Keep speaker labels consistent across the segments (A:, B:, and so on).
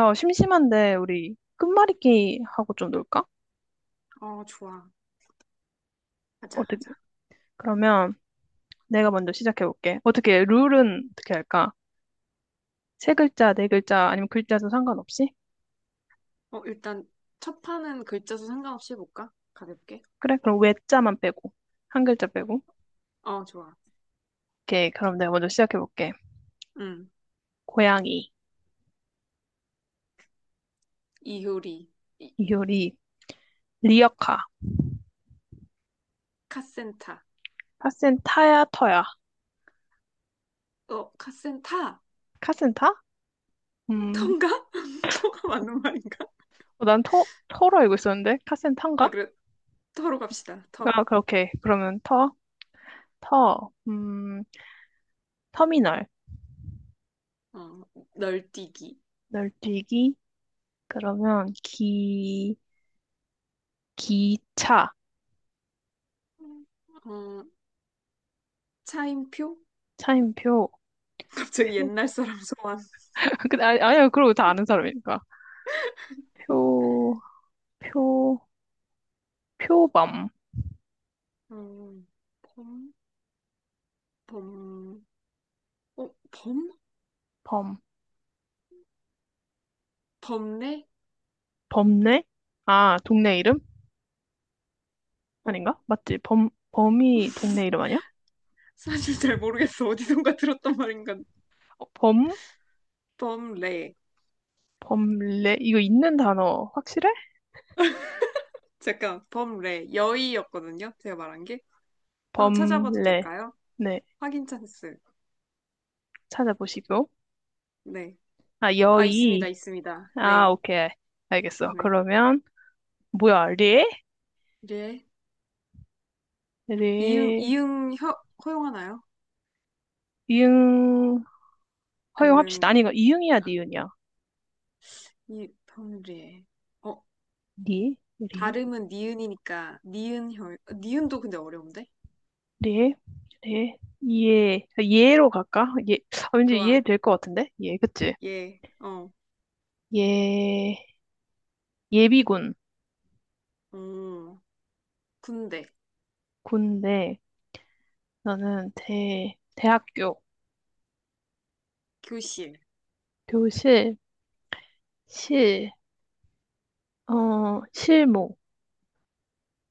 A: 야, 심심한데 우리 끝말잇기 하고 좀 놀까?
B: 어, 좋아. 하자,
A: 어떻게?
B: 하자.
A: 그러면 내가 먼저 시작해볼게. 어떻게 룰은 어떻게 할까? 세 글자, 네 글자 아니면 글자도 상관없이?
B: 어, 일단 첫 판은 글자 수 상관없이 해볼까? 가볍게.
A: 그래? 그럼 외자만 빼고 한 글자 빼고.
B: 어, 좋아.
A: 오케이. 그럼 내가 먼저 시작해볼게.
B: 응.
A: 고양이,
B: 이효리. 이,
A: 이효리, 리어카,
B: 카센타.
A: 카센타야, 터야.
B: 어, 카센타!
A: 카센타? 음,
B: 터인가? 터가 맞는 말인가?
A: 어, 난 터, 터로 알고 있었는데
B: 아,
A: 카센타인가?
B: 그래. 터로 갑시다. 터.
A: 아, 그렇게. 그러면 터, 터, 터미널,
B: 어, 널뛰기.
A: 널뛰기. 그러면 기 기차
B: 어, 차임표?
A: 차임표 표
B: 갑자기 옛날 사람 소환.
A: 근데 아니, 아니야 그러고 다 아는 사람이니까 표 표 표범
B: 어, 범? 범? 어, 범?
A: 범
B: 범례?
A: 범례 아 동네 이름
B: 어,
A: 아닌가 맞지 범 범이 동네 이름 아니야
B: 사실 잘 모르겠어. 어디선가 들었단 말인가.
A: 어, 범
B: 범례.
A: 범례 이거 있는 단어 확실해.
B: 잠깐, 범레, 여의였거든요. 제가 말한 게. 한번 찾아봐도
A: 범례.
B: 될까요?
A: 네.
B: 확인 찬스.
A: 찾아보시고.
B: 네.
A: 아
B: 아, 있습니다,
A: 여의.
B: 있습니다.
A: 아
B: 네.
A: 오케이. 알겠어.
B: 네.
A: 그러면 뭐야 리리
B: 예. 이응, 이응 허, 허용하나요?
A: 이응. 허용합시다.
B: 아니면,
A: 아니, 이거 이응이야, 니은이야.
B: 이, 범레. 어,
A: 니, 우리,
B: 발음은 니은이니까, 니은 혀, 니은도 근데 어려운데?
A: 레, 레, 예, 예로 갈까? 예, 아, 왠지
B: 좋아.
A: 예될 것 같은데? 예, 그치?
B: 예. 어,
A: 예, 예비군,
B: 음, 군대,
A: 군대, 나는 대, 대학교,
B: 교실,
A: 교실, 실, 어, 실무,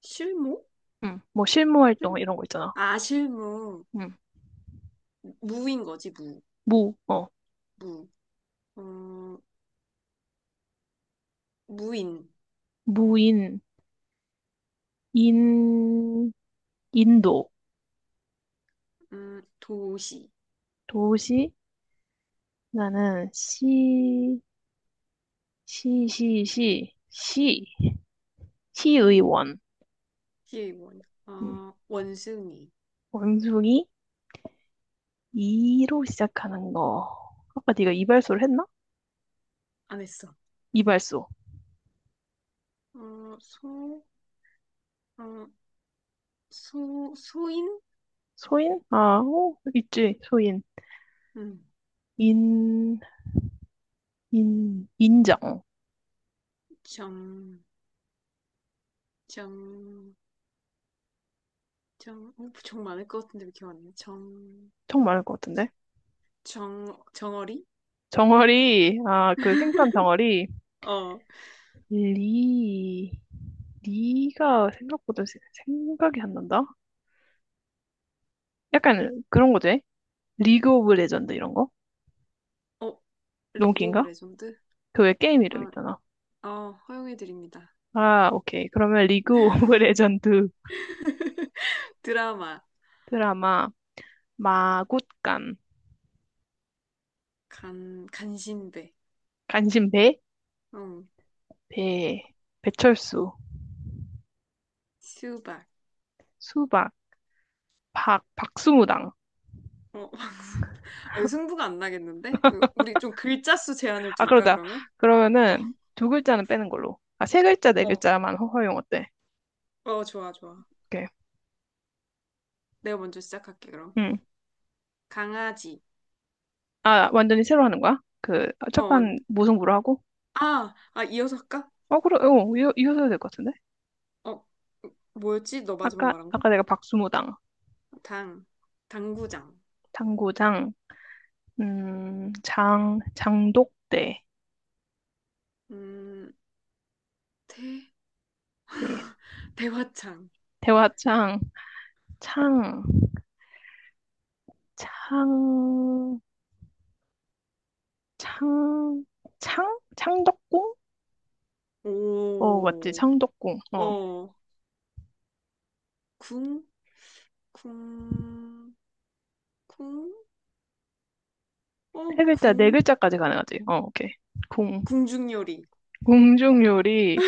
B: 실무?
A: 뭐 실무 활동
B: 실무?
A: 이런 거 있잖아.
B: 아, 실무.
A: 음,
B: 무인 거지, 무.
A: 무, 어,
B: 무. 어, 무인.
A: 무인, 인, 인도,
B: 도시,
A: 도시, 나는 시, 시, 시, 시, 시,
B: 시,
A: 시의원.
B: 시의 원,
A: 음.
B: 어, 원숭이,
A: 원숭이. 이로 시작하는 거. 아까 네가 이발소를 했나?
B: 안 했어.
A: 이발소.
B: 어, 소, 어, 소, 소인?
A: 소인? 아, 어, 있지. 소인.
B: 음,
A: 인, 인, 인정.
B: 정, 정, 정, 어, 정 많을 것 같은데 왜 기억 안 나? 정,
A: 청 많을 것 같은데.
B: 정, 정어리?
A: 정어리. 아, 그 생선 정어리.
B: 어,
A: 리. 리가 생각보다 생각이 안 난다. 약간 그런 거지. 리그 오브 레전드 이런 거?
B: 어,
A: 너무
B: 리그 오브
A: 긴가?
B: 레전드?
A: 그 왜 게임 이름
B: 아,
A: 있잖아.
B: 어, 허용해드립니다.
A: 아, 오케이. 그러면 리그 오브 레전드
B: 드라마,
A: 드라마. 마굿간,
B: 간, 간신배,
A: 간신배,
B: 응,
A: 배, 배철수,
B: 수박,
A: 수박, 박, 박수무당.
B: 어, 아니, 승부가 안 나겠는데? 으, 우리 좀 글자 수 제한을
A: 아,
B: 둘까,
A: 그러자.
B: 그러면? 어,
A: 그러면은 두 글자는 빼는 걸로. 아, 세 글자, 네
B: 어,
A: 글자만 허용 어때?
B: 어, 좋아, 좋아.
A: 오케이.
B: 내가 먼저 시작할게, 그럼.
A: 응.
B: 강아지.
A: 아, 완전히 새로 하는 거야? 그, 아,
B: 어,
A: 첫
B: 언-
A: 판 무승부로 하고?
B: 아, 아, 이어서 할까?
A: 어, 그래, 어, 이어, 이어서 될것 같은데?
B: 어, 뭐였지? 너 마지막
A: 아까,
B: 말한 거?
A: 아까 내가 박수무당,
B: 당, 당구장.
A: 당구장, 장, 장독대,
B: 음, 대,
A: 대,
B: 대화창.
A: 대화창, 창, 창, 창, 창? 창덕궁? 어, 맞지,
B: 오,
A: 창덕궁. 어,
B: 어, 궁, 궁, 궁, 어,
A: 세 글자, 네
B: 궁,
A: 글자까지 가능하지. 어, 오케이. 궁.
B: 궁중요리.
A: 궁중요리.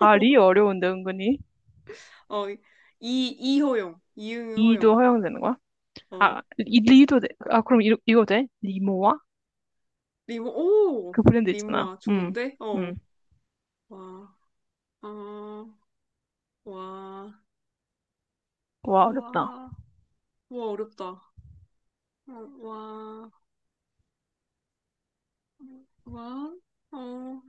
A: 아, 리 어려운데, 은근히.
B: 어, 이,
A: 이도
B: 이응호용.
A: 허용되는 거야? 아, 이, 리도 돼. 아, 그럼 이, 이거 돼? 리모아?
B: 오!
A: 그 브랜드 있잖아.
B: 리모아, 좋은데?
A: 음.
B: 어. 와, 어, 와,
A: 와, 어렵다.
B: 와, 와, 어렵다. 어, 와, 와, 어.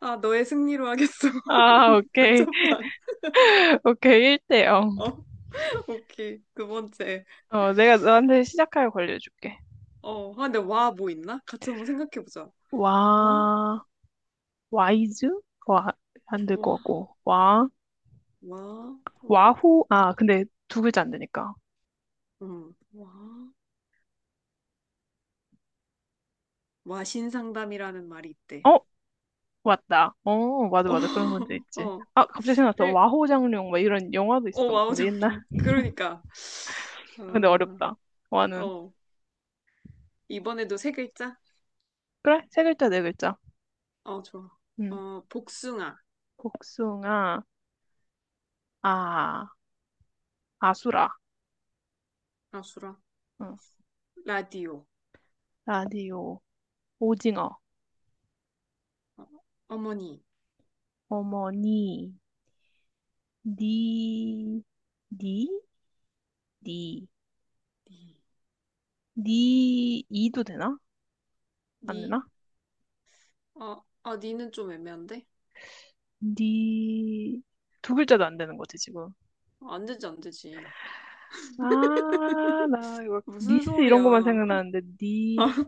B: 아, 너의 승리로 하겠어.
A: 아, 오케이.
B: 단체판.
A: 오케이. 1대 0.
B: 어, 오케이. 두 번째.
A: 어, 내가 너한테 시작하여 걸려줄게.
B: 어, 아, 근데 와, 뭐 있나? 같이 한번 생각해보자. 와,
A: 와, 와이즈? 와, 안 될
B: 와,
A: 것 같고. 와,
B: 와,
A: 와후? 아, 근데 두 글자 안 되니까.
B: 와, 와신상담이라는 말이 있대.
A: 어, 맞다. 어, 맞아,
B: 어,
A: 맞아. 그런 문제 있지.
B: 어.
A: 아, 갑자기 생각났어. 와호장룡, 막 이런 영화도
B: 어,
A: 있었던 것
B: 와우
A: 같은데, 옛날.
B: 정룡. 그러니까.
A: 근데
B: 어,
A: 어렵다. 와는.
B: 어, 이번에도 세 글자?
A: 그래, 세 글자, 네 글자.
B: 어, 좋아.
A: 음
B: 어, 복숭아.
A: 복숭아, 아, 아수라.
B: 아, 수라.
A: 응.
B: 라디오.
A: 라디오, 오징어,
B: 어, 어머니.
A: 어머니, 니, 니, 니,
B: 니,
A: 니, 이도 되나? 안
B: 니,
A: 되나?
B: 어, 아, 니는 좀 애매한데?
A: 니, 두 글자도 안 되는 거지, 지금.
B: 어, 안 되지, 안 되지.
A: 아, 나 이거,
B: 무슨
A: 리스 이런 것만
B: 소리야.
A: 생각나는데, 니,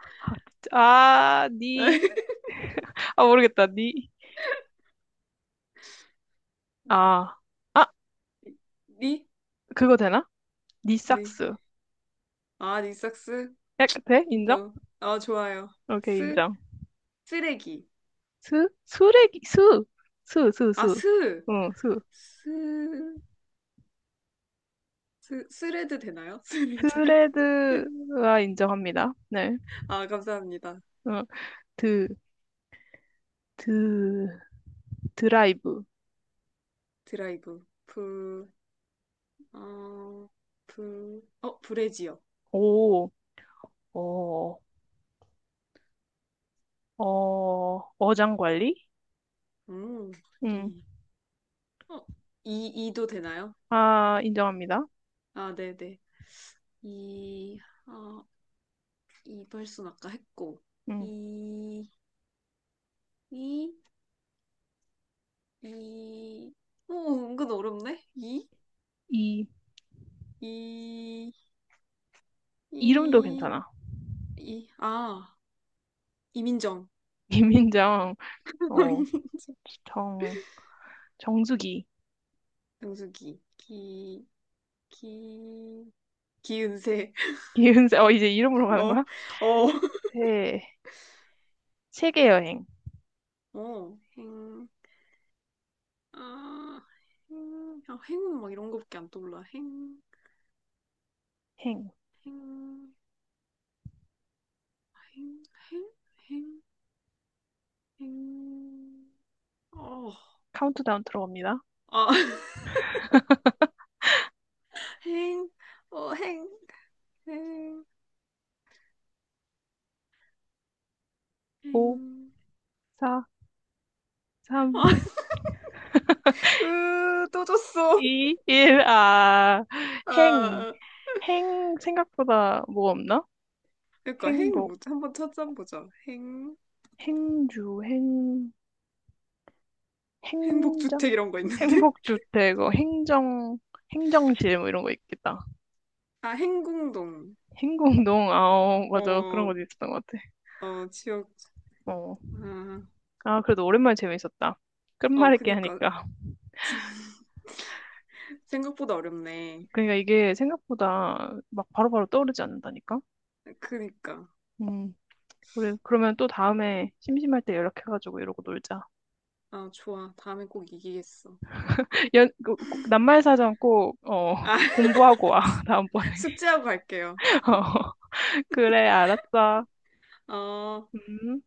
A: 아, 진짜. 아, 니. 아, 모르겠다. 니. 아. 아,
B: 니?
A: 그거 되나? 니
B: 네.
A: 삭스.
B: 아, 니삭스?
A: 야, 그, 돼? 인정?
B: 인정. 아, 좋아요.
A: 오케이,
B: 스?
A: 인정.
B: 쓰레기.
A: 수? 수레기, 수! 수, 수,
B: 아,
A: 수.
B: 스!
A: 응, 수.
B: 스, 스, 스레드 되나요? 스레드.
A: 스레드가 인정합니다. 네.
B: 아, 감사합니다.
A: 응. 드, 드, 드라이브.
B: 드라이브, 불, 어, 불, 어, 브래지요
A: 오, 어, 어, 어장 관리?
B: 음,
A: 응.
B: 리, 어, 이, 이도 되나요?
A: 아, 인정합니다.
B: 아, 네네. 이, 어, 이발소는 아까 했고,
A: 응.
B: 이, 이, 이, 오, 은근 어렵네? 이,
A: 이,
B: 이,
A: 이름도
B: 이,
A: 괜찮아.
B: 이, 아, 이민정.
A: 이민정, 어,
B: 이민정.
A: 정, 정수기.
B: 영숙이, 기, 기, 기은세.
A: 기은사, 어, 이제 이름으로 가는 거야?
B: 어, 어,
A: 세, 세계 여행,
B: 어, 행, 아, 행, 아, 행운 막 이런 거밖에 안 떠올라. 행,
A: 행,
B: 행, 행, 행, 행, 행. 어,
A: 카운트다운 들어갑니다.
B: 아, 행, 어, 행, 행,
A: 5,
B: 행.
A: 4, 3,
B: 아, 으, 또 줬어.
A: 2, 1, 아, 행,
B: 아,
A: 행, 생각보다 뭐 없나?
B: 그러니까 행,
A: 행복,
B: 뭐, 한번 찾아보자. 행,
A: 행주, 행, 행정,
B: 행복주택 이런 거 있는데?
A: 행복주택, 어, 행정, 행정실, 뭐 이런 거 있겠다.
B: 아, 행궁동.
A: 행궁동, 아, 어, 맞아. 그런
B: 어,
A: 것도 있었던 것 같아.
B: 어, 지역,
A: 어.
B: 아,
A: 아, 그래도 오랜만에 재밌었다.
B: 어,
A: 끝말잇기
B: 그니까.
A: 하니까.
B: 생각보다 어렵네.
A: 그러니까 이게 생각보다 막 바로바로 떠오르지 않는다니까?
B: 그니까.
A: 음. 우리 그러면 또 다음에 심심할 때 연락해가지고 이러고 놀자.
B: 아, 좋아. 다음에 꼭 이기겠어.
A: 연, 낱말사전 꼭, 어,
B: 아,
A: 공부하고 와, 다음번에.
B: 숙제하고 갈게요.
A: 어, 그래, 알았어.
B: 어.
A: 음.